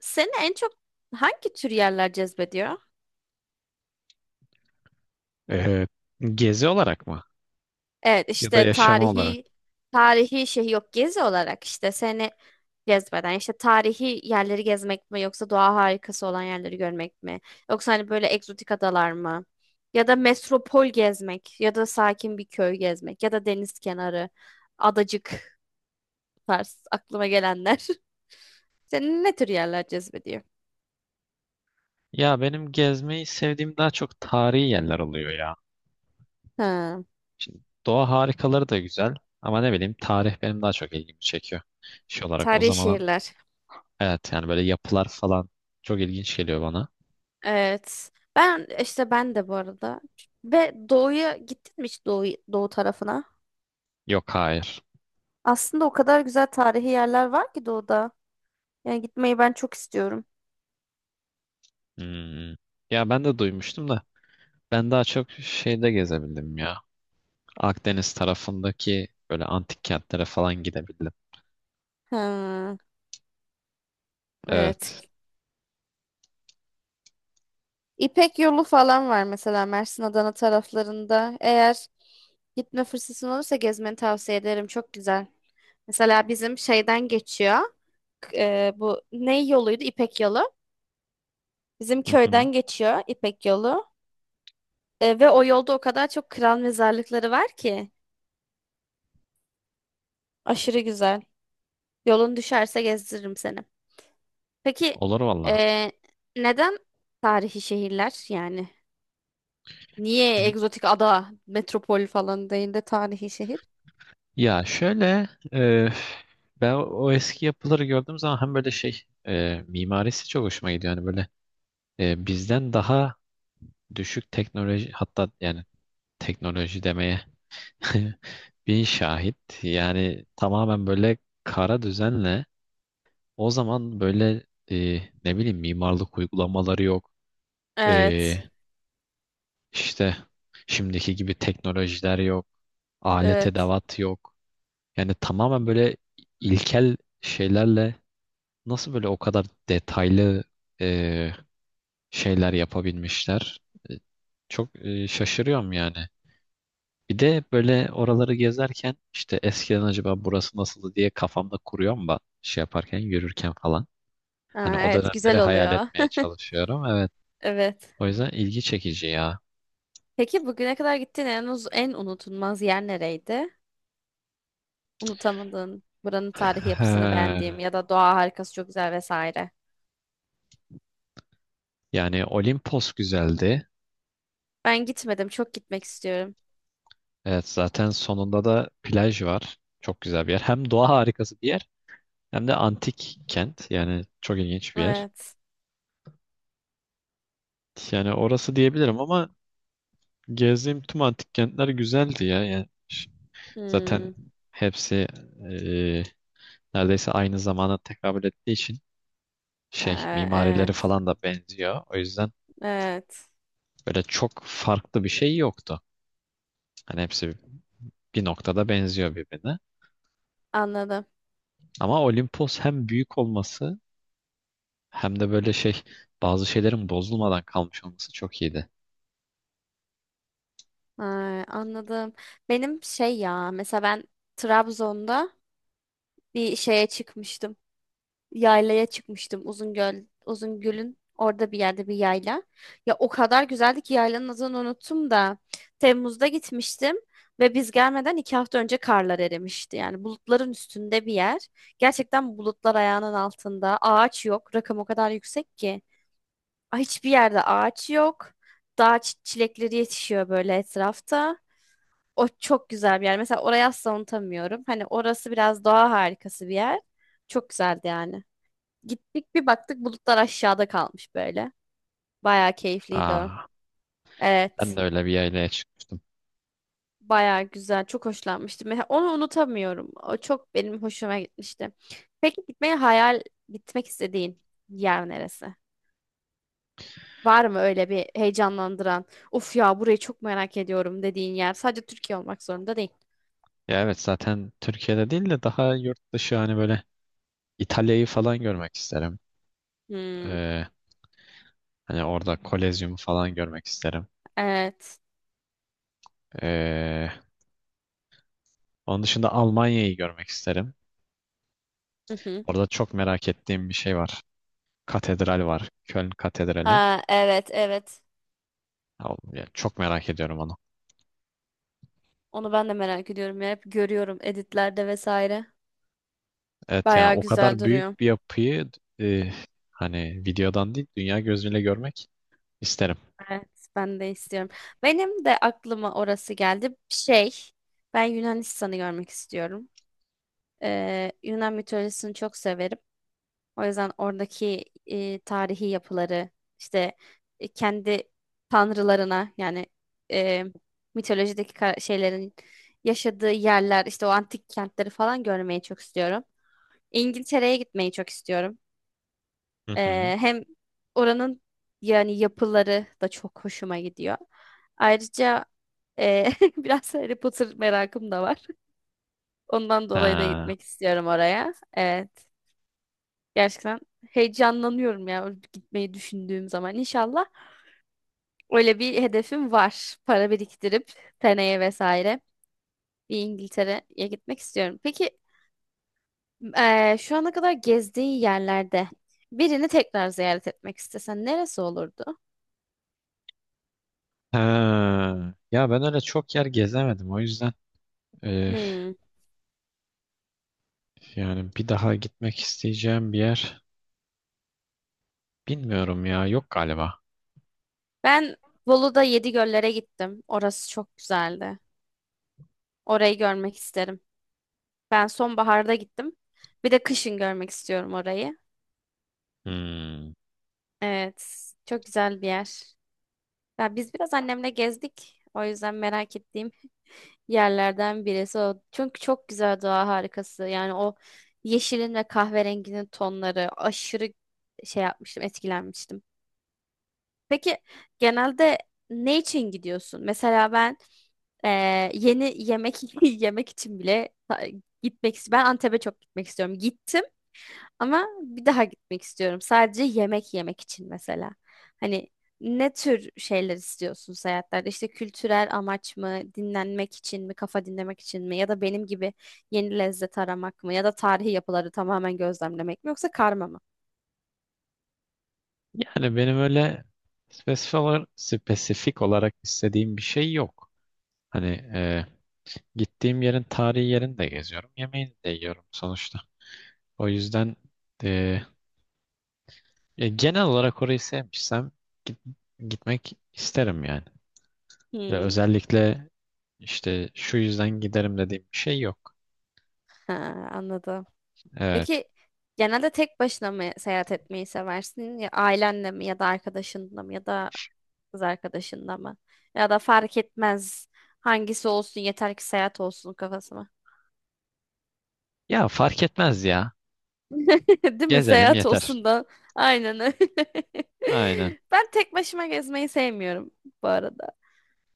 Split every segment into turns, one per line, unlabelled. Seni en çok hangi tür yerler cezbediyor?
Ee, Gezi olarak mı?
Evet
Ya da
işte
yaşama olarak.
tarihi şey yok gezi olarak işte seni cezbeden işte tarihi yerleri gezmek mi yoksa doğa harikası olan yerleri görmek mi? Yoksa hani böyle egzotik adalar mı? Ya da metropol gezmek ya da sakin bir köy gezmek ya da deniz kenarı adacık tarz aklıma gelenler. Seni ne tür yerler cezbediyor?
Ya benim gezmeyi sevdiğim daha çok tarihi yerler oluyor ya.
Ha,
Şimdi doğa harikaları da güzel ama ne bileyim tarih benim daha çok ilgimi çekiyor. Şey olarak o
tarihi
zaman
şehirler.
evet, yani böyle yapılar falan çok ilginç geliyor bana.
Evet. Ben işte ben de bu arada. Ve doğuya gittin mi hiç doğu tarafına?
Yok, hayır.
Aslında o kadar güzel tarihi yerler var ki doğuda. Yani gitmeyi ben çok istiyorum.
Hmm. Ya ben de duymuştum da ben daha çok şeyde gezebildim ya. Akdeniz tarafındaki böyle antik kentlere falan gidebildim.
Ha, evet.
Evet.
İpek yolu falan var mesela Mersin Adana taraflarında. Eğer gitme fırsatın olursa gezmeni tavsiye ederim. Çok güzel. Mesela bizim şeyden geçiyor. Bu ne yoluydu? İpek yolu. Bizim
Hı hı.
köyden geçiyor İpek yolu. Ve o yolda o kadar çok kral mezarlıkları var ki. Aşırı güzel. Yolun düşerse gezdiririm seni. Peki
Olur valla.
eee, neden tarihi şehirler yani? Niye
Y-
egzotik ada, metropol falan değil de tarihi şehir?
Ya şöyle, ben o eski yapıları gördüğüm zaman hem böyle şey, mimarisi çok hoşuma gidiyor. Yani böyle bizden daha düşük teknoloji, hatta yani teknoloji demeye bin şahit. Yani tamamen böyle kara düzenle o zaman böyle, ne bileyim, mimarlık uygulamaları yok.
Evet.
E, işte şimdiki gibi teknolojiler yok. Alet
Evet.
edevat yok. Yani tamamen böyle ilkel şeylerle, nasıl böyle o kadar detaylı e, şeyler yapabilmişler? E, Çok şaşırıyorum yani. Bir de böyle oraları gezerken işte eskiden acaba burası nasıldı diye kafamda kuruyorum ben, şey yaparken, yürürken falan. Hani
Ha,
o
evet
dönemleri
güzel
hayal
oluyor.
etmeye çalışıyorum. Evet.
Evet.
O yüzden ilgi çekici ya.
Peki bugüne kadar gittiğin en unutulmaz yer nereydi? Unutamadığın, buranın tarihi yapısını
He.
beğendiğim ya da doğa harikası çok güzel vesaire.
Yani Olimpos güzeldi.
Ben gitmedim, çok gitmek istiyorum.
Evet, zaten sonunda da plaj var. Çok güzel bir yer. Hem doğa harikası bir yer, hem de antik kent. Yani çok ilginç bir yer.
Evet.
Yani orası diyebilirim ama gezdiğim tüm antik kentler güzeldi ya. Yani zaten
Hmm.
hepsi e, neredeyse aynı zamana tekabül ettiği için şey
Ee,
mimarileri
Evet,
falan da benziyor. O yüzden
evet.
böyle çok farklı bir şey yoktu. Hani hepsi bir noktada benziyor birbirine.
Anladım.
Ama Olimpos hem büyük olması, hem de böyle şey, bazı şeylerin bozulmadan kalmış olması çok iyiydi.
Ay, anladım. Benim şey ya, mesela ben Trabzon'da bir şeye çıkmıştım. Yaylaya çıkmıştım Uzungöl, Uzungöl'ün orada bir yerde bir yayla. Ya o kadar güzeldi ki yaylanın adını unuttum da Temmuz'da gitmiştim ve biz gelmeden 2 hafta önce karlar erimişti. Yani bulutların üstünde bir yer. Gerçekten bulutlar ayağının altında. Ağaç yok. Rakım o kadar yüksek ki. Ay, hiçbir yerde ağaç yok. Dağ çilekleri yetişiyor böyle etrafta. O çok güzel bir yer. Mesela orayı asla unutamıyorum. Hani orası biraz doğa harikası bir yer. Çok güzeldi yani. Gittik bir baktık bulutlar aşağıda kalmış böyle. Bayağı keyifliydi o.
Aa, ben
Evet.
de öyle bir yaylaya çıkmıştım.
Bayağı güzel. Çok hoşlanmıştım. Mesela onu unutamıyorum. O çok benim hoşuma gitmişti. Peki gitmeyi hayal gitmek istediğin yer neresi? Var mı öyle bir heyecanlandıran, of ya burayı çok merak ediyorum dediğin yer? Sadece Türkiye olmak zorunda değil.
Ya evet, zaten Türkiye'de değil de daha yurt dışı, hani böyle İtalya'yı falan görmek isterim.
Hmm,
Ee, Hani orada Kolezyum'u falan görmek isterim.
evet.
Ee, Onun dışında Almanya'yı görmek isterim.
Hı hı.
Orada çok merak ettiğim bir şey var. Katedral var. Köln Katedrali.
Ha, evet, evet.
Ya, ya çok merak ediyorum onu.
Onu ben de merak ediyorum ya. Hep görüyorum editlerde vesaire.
Evet, yani
Bayağı
o
güzel
kadar büyük
duruyor.
bir yapıyı e, hani videodan değil dünya gözüyle görmek isterim.
Evet, ben de istiyorum. Benim de aklıma orası geldi. Şey, ben Yunanistan'ı görmek istiyorum. Yunan mitolojisini çok severim. O yüzden oradaki tarihi yapıları, işte kendi tanrılarına yani e, mitolojideki şeylerin yaşadığı yerler, işte o antik kentleri falan görmeyi çok istiyorum. İngiltere'ye gitmeyi çok istiyorum.
Hı hı.
Hem oranın yani yapıları da çok hoşuma gidiyor. Ayrıca e, biraz Harry Potter merakım da var. Ondan dolayı da
Ha.
gitmek istiyorum oraya. Evet. Gerçekten heyecanlanıyorum ya gitmeyi düşündüğüm zaman. İnşallah öyle bir hedefim var. Para biriktirip seneye vesaire bir İngiltere'ye gitmek istiyorum. Peki şu ana kadar gezdiğin yerlerde birini tekrar ziyaret etmek istesen neresi olurdu?
Ha. Ya ben öyle çok yer gezemedim, o yüzden e,
Hmm.
yani bir daha gitmek isteyeceğim bir yer. Bilmiyorum ya, yok galiba.
Ben Bolu'da Yedigöller'e gittim. Orası çok güzeldi. Orayı görmek isterim. Ben sonbaharda gittim. Bir de kışın görmek istiyorum orayı.
Hmm.
Evet, çok güzel bir yer. Ya biz biraz annemle gezdik. O yüzden merak ettiğim yerlerden birisi o. Çünkü çok güzel doğa harikası. Yani o yeşilin ve kahverenginin tonları aşırı şey yapmıştım, etkilenmiştim. Peki genelde ne için gidiyorsun? Mesela ben e, yeni yemek yemek için bile gitmek istiyorum. Ben Antep'e çok gitmek istiyorum. Gittim ama bir daha gitmek istiyorum. Sadece yemek yemek için mesela. Hani ne tür şeyler istiyorsun seyahatlerde? İşte kültürel amaç mı, dinlenmek için mi, kafa dinlemek için mi? Ya da benim gibi yeni lezzet aramak mı? Ya da tarihi yapıları tamamen gözlemlemek mi? Yoksa karma mı?
Yani benim öyle spesifik olarak istediğim bir şey yok. Hani e, gittiğim yerin tarihi yerini de geziyorum. Yemeğini de yiyorum sonuçta. O yüzden e, genel olarak orayı sevmişsem git- gitmek isterim yani. Ve
Hmm,
özellikle işte şu yüzden giderim dediğim bir şey yok.
ha, anladım.
Evet.
Peki genelde tek başına mı seyahat etmeyi seversin? Ya ailenle mi ya da arkadaşınla mı ya da kız arkadaşınla mı? Ya da fark etmez hangisi olsun yeter ki seyahat olsun kafasına.
Ya fark etmez ya.
Değil mi?
Gezelim
Seyahat
yeter.
olsun da aynen öyle.
Aynen.
Ben tek başıma gezmeyi sevmiyorum bu arada.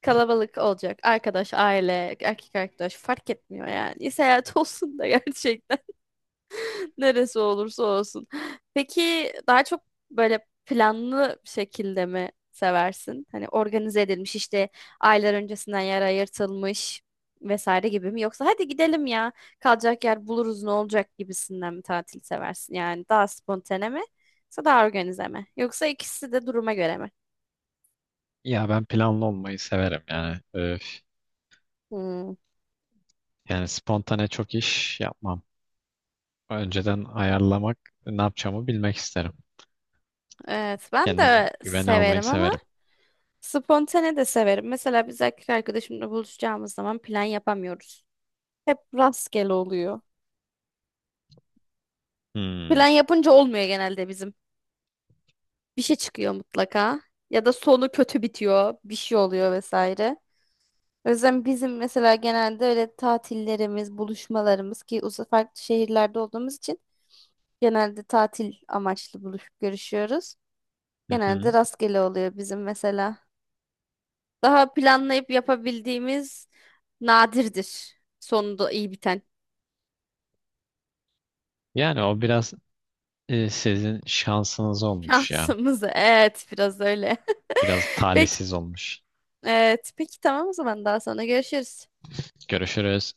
Kalabalık olacak. Arkadaş, aile, erkek arkadaş fark etmiyor yani. Seyahat olsun da gerçekten. Neresi olursa olsun. Peki daha çok böyle planlı bir şekilde mi seversin? Hani organize edilmiş işte aylar öncesinden yer ayırtılmış vesaire gibi mi? Yoksa hadi gidelim ya kalacak yer buluruz ne olacak gibisinden mi tatil seversin? Yani daha spontane mi? Yoksa daha organize mi? Yoksa ikisi de duruma göre mi?
Ya ben planlı olmayı severim yani. Öf.
Hmm,
Yani spontane çok iş yapmam. Önceden ayarlamak, ne yapacağımı bilmek isterim.
evet ben
Kendimi
de
güvene almayı
severim ama
severim.
spontane de severim. Mesela biz erkek arkadaşımla buluşacağımız zaman plan yapamıyoruz. Hep rastgele oluyor.
Hmm.
Plan yapınca olmuyor genelde bizim. Bir şey çıkıyor mutlaka. Ya da sonu kötü bitiyor. Bir şey oluyor vesaire. O yüzden bizim mesela genelde öyle tatillerimiz, buluşmalarımız ki farklı şehirlerde olduğumuz için genelde tatil amaçlı buluşup görüşüyoruz.
Hı
Genelde
hı.
rastgele oluyor bizim mesela. Daha planlayıp yapabildiğimiz nadirdir. Sonunda iyi biten.
Yani o biraz, sizin şansınız olmuş ya.
Şansımız evet biraz öyle.
Biraz
Peki,
talihsiz olmuş.
evet, peki tamam o zaman daha sonra görüşürüz.
Görüşürüz.